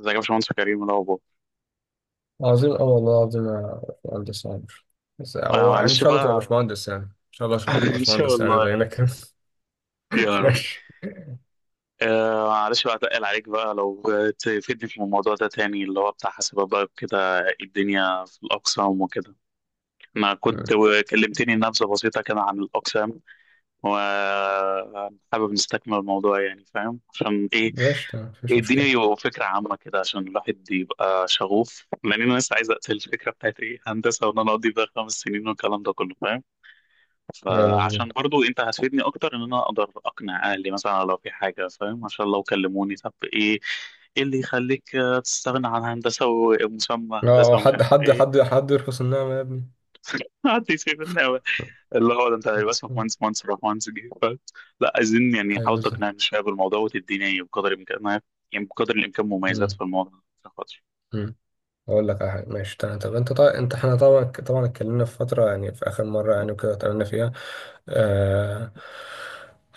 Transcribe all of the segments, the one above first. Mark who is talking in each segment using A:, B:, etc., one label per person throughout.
A: ازيك يا باشمهندس كريم، إيه الاخبار؟
B: عظيم أوي والله العظيم يا باشمهندس عمر. بس
A: آه
B: هو إن
A: معلش
B: شاء الله تبقى
A: بقى.
B: باشمهندس، يعني إن شاء الله تبقى
A: ان شاء
B: باشمهندس يعني
A: الله.
B: زينا كده.
A: يا رب.
B: ماشي.
A: آه معلش بقى، اتقل عليك بقى لو تفيدني في الموضوع ده تاني، اللي هو بتاع حاسبات بقى كده، الدنيا في الاقسام وكده. انا كنت كلمتني نبذه بسيطه كده عن الاقسام، وحابب نستكمل الموضوع، يعني فاهم عشان ايه
B: ماشي تمام، مفيش
A: الدنيا،
B: مشكلة.
A: يبقى فكره عامه كده عشان الواحد يبقى شغوف، لان انا لسه عايز اقتل الفكره بتاعت ايه هندسه، وان انا اقضي بقى 5 سنين والكلام ده كله فاهم.
B: أيوة
A: فعشان
B: مظبوط.
A: برضو انت هتفيدني اكتر ان انا اقدر اقنع اهلي مثلا لو في حاجه فاهم، عشان لو كلموني طب ايه، ايه اللي يخليك تستغنى عن هندسه ومسمى
B: اه،
A: هندسه ومش
B: حد
A: عارف
B: حد
A: ايه.
B: حد حد يرخص النعمة يا ابني.
A: حد يسيبني أوي. اللي هو ده انت هيبقى اسمك
B: مم.
A: مهندس، مهندس راح مهندس جه لا عايزين يعني
B: أيوة
A: حاول
B: بالظبط.
A: تقنعني شويه بالموضوع وتديني بقدر الامكان، يعني بقدر الامكان مميزات
B: أمم،
A: في الموضوع عشان خاطر
B: أمم. أقول لك على حاجة. ماشي تمام. طب أنت طبعا، أنت إحنا طبعا اتكلمنا في فترة يعني، في آخر مرة يعني وكده اتكلمنا فيها آه،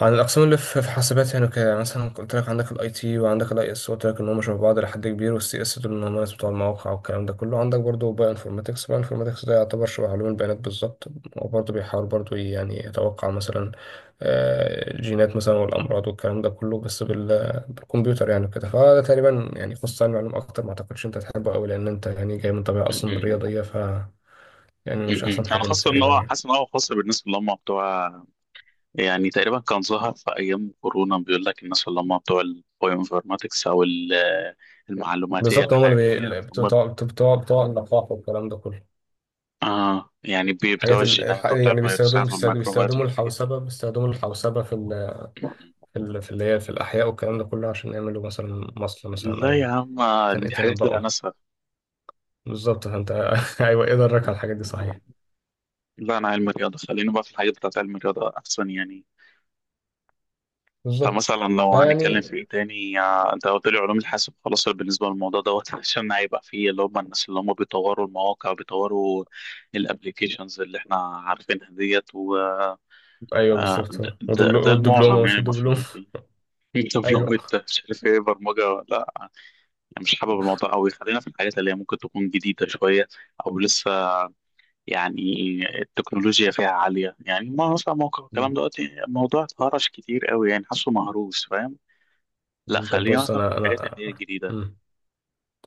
B: عن الأقسام اللي في حاسبات يعني وكده. يعني مثلا قلت لك عندك الاي تي وعندك الاي اس، قلت لك إن هم شبه بعض لحد كبير، والسي اس دول إن هم الناس بتوع المواقع والكلام ده كله. عندك برضه باي انفورماتكس ده يعتبر شبه علوم البيانات بالظبط. وبرضه بيحاول برضه يعني يتوقع مثلا الجينات مثلا والأمراض والكلام ده كله، بس بالكمبيوتر يعني وكده. فده تقريبا يعني خصوصا علوم، أكتر ما أعتقدش أنت تحبه أوي، لأن أنت يعني جاي من طبيعة أصلا
A: م- م-
B: رياضية. ف
A: م-
B: يعني مش
A: م.
B: أحسن
A: انا
B: حاجة ليك
A: خاصه ان
B: تقريبا
A: هو
B: يعني.
A: حاسس ان هو خاص بالناس اللي هم بتوع، يعني تقريبا كان ظهر في ايام كورونا بيقول لك الناس اللي هم بتوع البايوانفورماتكس المعلوماتيه
B: بالظبط، هما اللي بي...
A: الحيويه
B: اللي بتوع
A: هم.
B: بتوع بتوع بتوع اللقاح والكلام ده كله.
A: اه يعني بتوع
B: الحاجات
A: الجينات وبتوع
B: يعني بيستخدموا
A: الفيروسات
B: بيستخدموا
A: والميكروبات
B: بيستخدموا
A: والحاجات دي.
B: الحوسبة بيستخدموا الحوسبة في اللي هي في الأحياء والكلام ده كله، عشان يعملوا مثلا مصل مثلا، أو
A: لا يا عم، دي حاجات لا
B: يتنبؤوا.
A: ناسها.
B: بالظبط فأنت. أيوه إيه درك على الحاجات دي صحيح.
A: لا انا علم رياضه، خلينا بقى في الحاجات بتاعت علم الرياضه احسن يعني.
B: بالظبط.
A: فمثلا لو هنتكلم في
B: فيعني
A: ايه تاني، انت قلت لي علوم الحاسب خلاص بالنسبه للموضوع دوت عشان هيبقى فيه اللي هم الناس اللي هم بيطوروا المواقع، بيطوروا الابليكيشنز اللي احنا عارفينها ديت، و
B: أيوه
A: آه،
B: بالظبط.
A: ده, ده ده
B: والدبلومة،
A: المعظم
B: مش
A: يعني
B: الدبلومة.
A: المشهورين فيه. انت لو
B: أيوه.
A: مش عارف ايه برمجه ولا لا. أنا مش حابب الموضوع قوي، خلينا في الحاجات اللي هي ممكن تكون جديده شويه، او لسه يعني التكنولوجيا فيها عاليه يعني، ما مثلا موقع الكلام
B: مم.
A: دلوقتي الموضوع اتهرش كتير قوي يعني، حاسه مهروس فاهم. لا
B: مم. طب
A: خلينا
B: بص،
A: مثلا في
B: أنا
A: الحاجات اللي
B: أنا
A: هي الجديدة.
B: مم.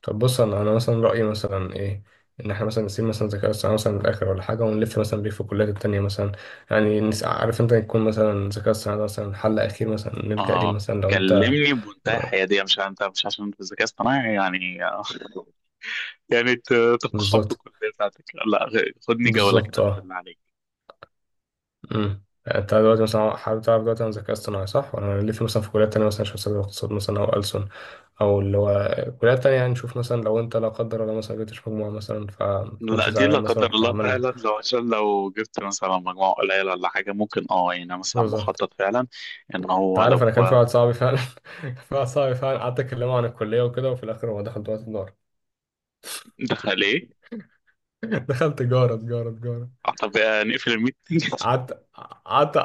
B: طب بص، انا مثلا رايي مثلا ايه، ان احنا مثلا نسيب مثلا الذكاء الاصطناعي مثلا للاخر ولا حاجه، ونلف مثلا بيه في الكليات التانية مثلا. يعني عارف انت، يكون مثلا الذكاء الاصطناعي ده مثلا حل اخير مثلا نلجا ليه،
A: اه
B: مثلا لو انت.
A: كلمني بمنتهى الحيادية، مش انت، مش عشان انت في الذكاء اصطناعي يعني يعني ت- تفخم في
B: بالظبط.
A: الكلية بتاعتك، لا غ- خدني جولة
B: بالظبط
A: كده
B: اه.
A: بالله عليك.
B: امم، انت دلوقتي مثلا حابب تعرف دلوقتي عن الذكاء الاصطناعي، صح؟ ولا نلف مثلا في كليات تانية مثلا، نشوف حساب الاقتصاد مثلا او ألسن، او اللي هو كليات تانية. يعني نشوف مثلا لو انت لا قدر الله مثلا جبتش مجموعة مثلا،
A: لا
B: فمتكونش
A: دي لا
B: زعلان مثلا،
A: قدر
B: كنا
A: الله،
B: عملنا
A: فعلا لو عشان لو جبت مثلا مجموعة قليلة ولا حاجة، ممكن اه يعني أنا مثلا
B: بالظبط.
A: مخطط فعلا ان
B: انت
A: هو
B: عارف،
A: لو.
B: انا كان في واحد صاحبي فعلا. كان في واحد صاحبي فعلا قعدت اكلمه عن الكليه وكده، وفي الاخر هو دخل دلوقتي تجاره.
A: دخل ايه؟
B: دخل تجاره، تجاره، تجاره.
A: آه، طب آه، نقفل الميتنج.
B: قعدت قعدت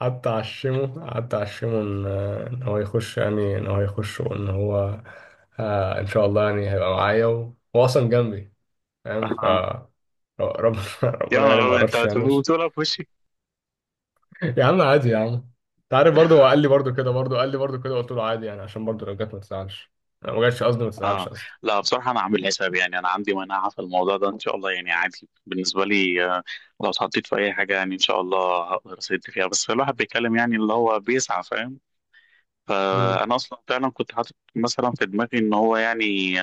B: قعدت اعشمه ان هو يخش، يعني ان هو يخش وان هو، آه ان شاء الله يعني هيبقى معايا، وهو اصلا جنبي فاهم. ف
A: اه
B: ربنا
A: يا
B: ربنا يعني
A: نهار
B: ما
A: أبيض، انت
B: قررش يعني بس.
A: بتقولها في وشي.
B: يا عم عادي يا عم. انت عارف برضه، هو قال لي برضه كده، برضه قال لي برضه كده، قلت له عادي يعني، عشان برضه لو جت ما تزعلش، لو ما جاتش قصدي ما تزعلش
A: اه
B: قصدي.
A: لا بصراحة أنا عامل حساب يعني، أنا عندي مناعة في الموضوع ده إن شاء الله، يعني عادي بالنسبة لي. لو اتحطيت في أي حاجة يعني إن شاء الله هقدر أسد فيها، بس الواحد بيتكلم يعني اللي هو بيسعى فاهم. فأنا أصلا فعلا كنت حاطط مثلا في دماغي إن هو يعني،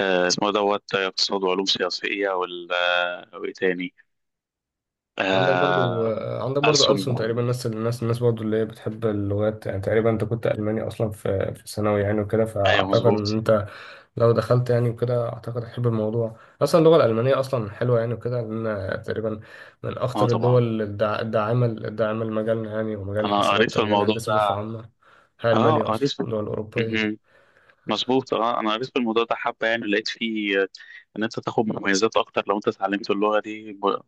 A: اسمه دوت اقتصاد وعلوم سياسية، وال آه، وإيه تاني،
B: عندك برضو
A: آه،
B: عندك برضو
A: ألسن.
B: ألسن، تقريبا ناس. الناس برضو اللي هي بتحب اللغات. يعني تقريبا انت كنت ألماني أصلا في ثانوي يعني وكده،
A: أيوه
B: فأعتقد إن
A: مظبوط.
B: انت لو دخلت يعني وكده، أعتقد هتحب الموضوع. أصلا اللغة الألمانية أصلا حلوة يعني وكده، لأن تقريبا من
A: أه
B: أخطر
A: طبعا،
B: الدول الداعمة الداعمة لمجالنا يعني، ومجال
A: أنا قريت
B: الحاسبات
A: في
B: ومجال
A: الموضوع
B: الهندسة بصفة
A: ده.
B: عامة. هي
A: أه
B: ألمانيا
A: قريت
B: أصلا
A: في،
B: دول أوروبية.
A: مظبوط، اه انا قريت في الموضوع ده حبه يعني، لقيت فيه ان انت تاخد مميزات اكتر لو انت اتعلمت اللغه دي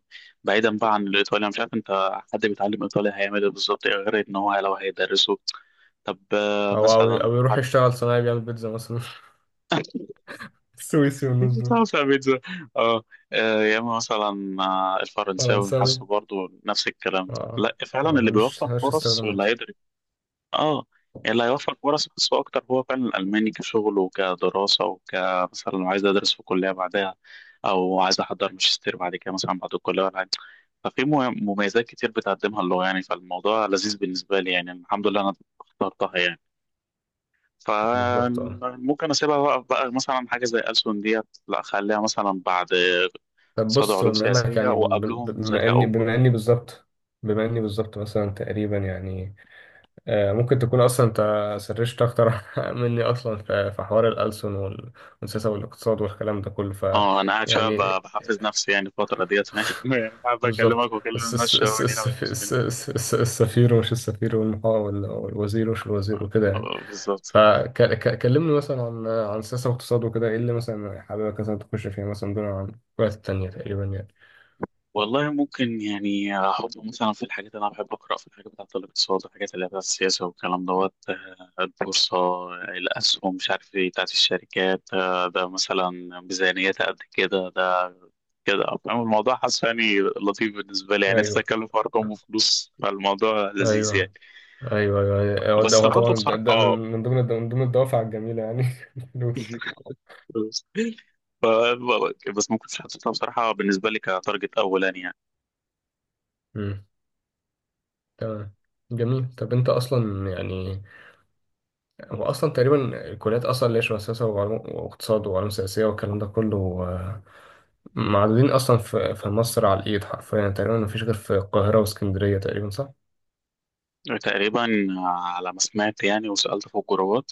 A: بعيدا بقى عن الايطالي، انا مش عارف انت حد بيتعلم ايطالي هيعمل ايه بالظبط، إيه غير ان هو لو هيدرسه. طب
B: أو
A: مثلا
B: أو أو
A: لو
B: يروح
A: حد
B: يشتغل صنايعي، بيعمل بيتزا مثلا. سويسي والناس دول.
A: تعرف يا بيتزا. اه، آه، يا اما مثلا آه، الفرنساوي
B: فرنساوي،
A: حاسه برضه نفس الكلام،
B: اه،
A: لا فعلا
B: ما
A: اللي
B: ملوش
A: بيوفر
B: ملوش
A: فرص واللي
B: استخدامات.
A: هيدرس اه يعني اللي هيوفر فرص نفسه اكتر هو فعلا الالماني، كشغل وكدراسه، وكمثلا لو عايز ادرس في كليه بعدها، او عايز احضر ماجستير بعد كده مثلا بعد الكليه ولا حاجه. ففي مميزات كتير بتقدمها اللغه يعني، فالموضوع لذيذ بالنسبه لي يعني، الحمد لله انا اخترتها يعني.
B: بالظبط اه.
A: فممكن اسيبها بقى مثلا حاجه زي ألسن ديت، لا اخليها مثلا بعد
B: طب
A: اقتصاد
B: بص،
A: وعلوم
B: بما انك
A: سياسيه
B: يعني، ب- ب-
A: وقبلهم
B: بما
A: ذكاء.
B: اني بما اني بالظبط. بما اني بالظبط مثلا تقريبا يعني ممكن تكون اصلا انت سرشت اكتر مني اصلا في حوار الألسن والسياسة والاقتصاد والكلام ده كله. ف
A: اه انا قاعد شويه
B: يعني.
A: بحفز نفسي يعني الفتره ديت فاهم يعني، حابب
B: بالظبط.
A: اكلمك واكلم الناس شويه من هنا والناس من هنا.
B: السفير ومش السفير، والوزير ومش الوزير وكده يعني.
A: بالظبط.
B: فكلمني مثلا عن السياسة والاقتصاد وكده، ايه اللي مثلا حاببك مثلا تخش فيها مثلا دون عن الوقت التانية تقريبا يعني.
A: والله ممكن يعني احط مثلا في الحاجات اللي انا بحب اقرا في الحاجات بتاعت الاقتصاد، الحاجات اللي هي بتاعت السياسه والكلام دوت البورصه، الاسهم، مش عارف ايه، بتاعت الشركات، ده مثلا ميزانيتها قد كده، ده كده فاهم الموضوع، حاسس يعني لطيف بالنسبه لي يعني، انت
B: ايوه،
A: تتكلم في ارقام وفلوس فالموضوع لذيذ يعني.
B: ايوه، ايوه، ايوه، أيوة. هو ده،
A: بس
B: هو
A: برضه
B: طبعا
A: بصراحه
B: ده من ضمن الدوافع الجميله يعني. الفلوس.
A: ف- بس ممكن حطيتها بصراحة بالنسبة لي كتارجت أولاني يعني.
B: امم. تمام. جميل. طب انت اصلا يعني، هو اصلا تقريبا الكليات اصلا اللي هي شبه سياسه وعلوم، واقتصاد وعلوم سياسيه والكلام ده كله، آه، معدودين اصلا في مصر على الايد حرفيا يعني. تقريبا ما فيش غير في القاهره واسكندريه تقريبا، صح؟
A: تقريبا على ما سمعت يعني، وسألت في الجروبات،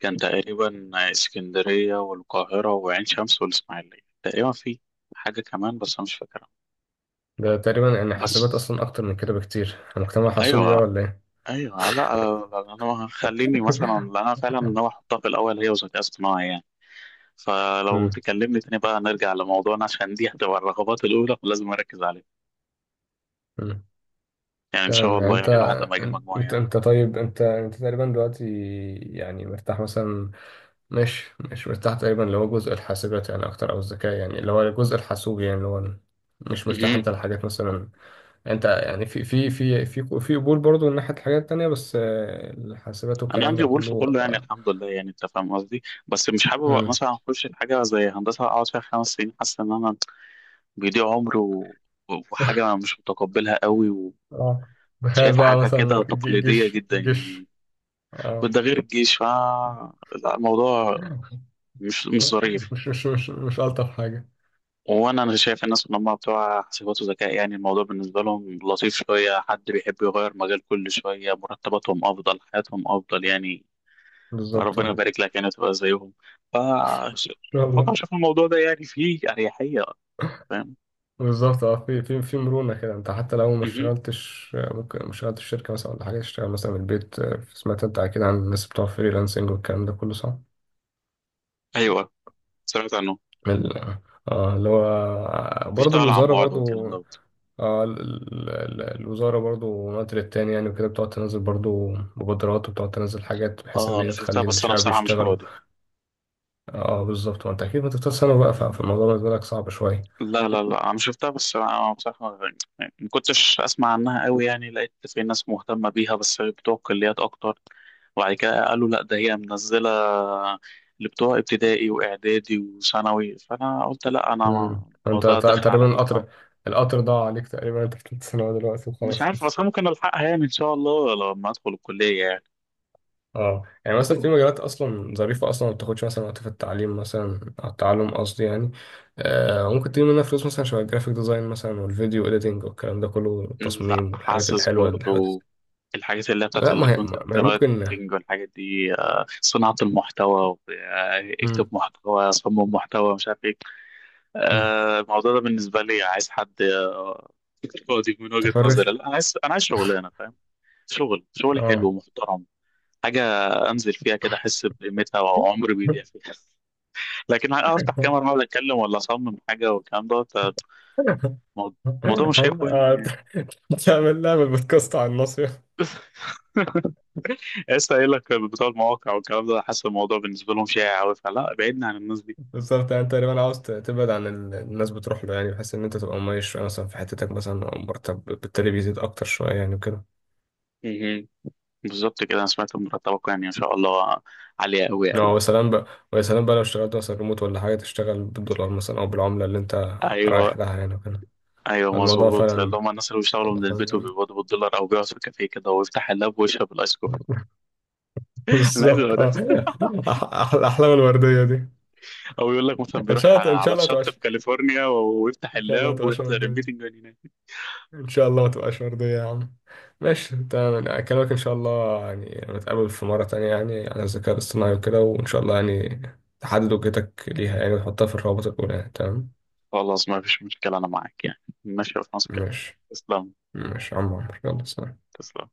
A: كان تقريبا اسكندرية والقاهرة وعين شمس والإسماعيلية، تقريبا في حاجة كمان بس أنا مش فاكرها.
B: ده تقريبا يعني حاسبات
A: بس
B: اصلا اكتر من كده بكتير مجتمع حاسوبي بقى،
A: أيوه،
B: ولا ايه؟
A: أيوه، لا أنا خليني مثلا، لأن أنا فعلا ناوي أحطها في الأول هي وذكاء اصطناعي يعني. فلو تكلمني تاني بقى نرجع لموضوعنا، عشان دي هتبقى الرغبات الأولى ولازم أركز عليها.
B: امم.
A: يعني إن شاء
B: تمام. يعني
A: الله
B: انت
A: يعني الواحد لما يجيب مجموعة
B: انت
A: يعني.
B: انت طيب، انت تقريبا دلوقتي يعني مرتاح مثلا، مش مرتاح تقريبا اللي هو جزء الحاسبات يعني اكتر، او الذكاء يعني اللي هو الجزء الحاسوبي يعني، اللي هو مش مرتاح
A: مهم.
B: انت لحاجات مثلا. انت يعني في قبول برضه من ناحية الحاجات التانية، بس الحاسبات
A: انا
B: والكلام
A: عندي
B: ده
A: قبول في
B: كله
A: كله يعني
B: اه.
A: الحمد لله، يعني انت فاهم قصدي. بس مش حابب
B: مم.
A: مثلا اخش في حاجه زي هندسه اقعد فيها 5 سنين، حاسس ان انا بيضيع عمري و... وحاجه مش متقبلها قوي،
B: اه. تخيل
A: وشايفها
B: بقى
A: حاجه
B: مثلا
A: كده تقليديه
B: الجيش،
A: جدا يعني،
B: الجيش اه.
A: وده غير الجيش ف لا، الموضوع مش مش ظريف.
B: مش ألطف حاجة.
A: وانا انا شايف الناس ان هم بتوع حسابات وذكاء، يعني الموضوع بالنسبه لهم لطيف شويه، حد بيحب يغير مجال كل شويه، مرتباتهم افضل، حياتهم افضل يعني.
B: بالظبط اه،
A: ربنا
B: ان
A: يبارك لك يعني تبقى زيهم. ف
B: شاء
A: بفكر
B: الله.
A: اشوف الموضوع ده يعني فيه اريحيه، فاهم.
B: بالظبط اه، في مرونة كده. انت حتى لو ما
A: مهم.
B: اشتغلتش، ممكن ما اشتغلتش في شركة مثلا ولا حاجة، تشتغل مثلا من البيت. سمعت انت اكيد عن الناس بتوع فريلانسنج والكلام ده كله، صح؟
A: ايوه، سمعت عنه،
B: ال- اه اللي هو برضه
A: بيشتغل عن
B: الوزارة
A: بعد
B: برضه
A: والكلام دوت.
B: اه. الوزارة برضه من وقت للتاني يعني وكده بتقعد تنزل برضه مبادرات، وبتقعد تنزل حاجات بحيث ان
A: اه انا
B: هي
A: شفتها
B: تخلي
A: بس انا
B: الشعب
A: بصراحه مش
B: يشتغلوا.
A: فاضي.
B: اه بالظبط، وانت اكيد ما تفتح سنة بقى، فالموضوع بالنسبة لك صعب شوية.
A: لا لا لا انا شفتها بس انا بصراحه يعني ما كنتش اسمع عنها قوي يعني، لقيت في ناس مهتمه بيها بس بتوع الكليات اكتر، وبعد كده قالوا لا ده هي منزله اللي بتوع ابتدائي واعدادي وثانوي، فانا قلت لا انا
B: امم. انت
A: الموضوع داخل على
B: تقريبا
A: ثالثه،
B: القطر، القطر ضاع عليك تقريبا، انت في ثالث ثانوي دلوقتي
A: مش
B: وخلاص كده.
A: عارف اصلا ممكن الحقها يعني ان شاء الله لما ادخل الكليه يعني.
B: اه يعني مثلا في مجالات اصلا ظريفه اصلا، ما بتاخدش مثلا وقت في التعليم مثلا او التعلم قصدي يعني. آه ممكن تجيب منها فلوس مثلا، شبه الجرافيك ديزاين مثلا، والفيديو اديتنج والكلام ده كله،
A: لا
B: والتصميم والحاجات
A: حاسس
B: الحلوه اللي حاجات.
A: برضو الحاجات اللي هي بتاعت
B: لا ما هي ما
A: الكونتنت
B: هي ممكن.
A: رايتنج والحاجات دي، صناعه المحتوى اكتب
B: مم.
A: محتوى، صمم محتوى، مش عارف ايه،
B: مم.
A: الموضوع ده بالنسبه لي عايز حد فاضي، من وجهه
B: تفرغ.
A: نظري لا انا عايز، انا عايز شغلانه فاهم، شغل شغل حلو
B: اه.
A: ومحترم، حاجه انزل فيها كده احس بقيمتها وعمري بيضيع فيها. لكن هقعد افتح كاميرا واقعد اتكلم ولا اصمم حاجه والكلام ده، الموضوع الموضوع مش شايفه
B: آه،
A: يعني.
B: تعمل لها بالبودكاست على النص.
A: لسه قايل لك بتوع المواقع والكلام ده، حاسس الموضوع بالنسبه لهم شائع قوي، فلا بعدنا عن الناس دي.
B: بالظبط، يعني انت تقريبا عاوز تبعد عن الناس بتروح له يعني، بحيث ان انت تبقى مميز شويه مثلا في حتتك مثلا، او مرتب بالتالي بيزيد اكتر شويه يعني وكده.
A: مهم. بالظبط كده، انا سمعت إن مرتبكم يعني ان شاء الله عاليه قوي قوي
B: اه، ويا
A: قوي.
B: سلام بقى. ويا سلام بقى لو اشتغلت مثلا ريموت ولا حاجه، تشتغل بالدولار مثلا، او بالعمله اللي انت
A: ايوه
B: رايح لها يعني وكده.
A: ايوه
B: الموضوع
A: مظبوط، اللي
B: فعلا،
A: هم الناس اللي بيشتغلوا
B: والله
A: من
B: فعلا
A: البيت
B: جميل.
A: وبيقبضوا بالدولار، او بيقعد في كافيه كده ويفتح اللاب ويشرب الايس كوفي. انا عايز
B: بالظبط
A: أبقى ده.
B: اه. الاحلام الورديه دي
A: او يقول لك مثلا
B: ان
A: بيروح
B: شاء الله. ان شاء
A: على
B: الله تبقى،
A: شط في كاليفورنيا ويفتح
B: ان شاء الله
A: اللاب
B: تبقى
A: ويحضر
B: ورديه.
A: الميتنج من هناك.
B: ان شاء الله ما تبقاش مرضية يا عم. ماشي تمام، أنا اكلمك ان شاء الله، يعني نتقابل في مرة تانية يعني عن الذكاء الاصطناعي وكده، وان شاء الله يعني تحدد وجهتك ليها يعني، وتحطها في الروابط الاولى يعني. تمام.
A: خلاص ما فيش مشكله، انا معاك يعني ماشي، في مصر كده.
B: ماشي.
A: تسلم.
B: ماشي يا عم عمرو، يلا سلام.
A: تسلم.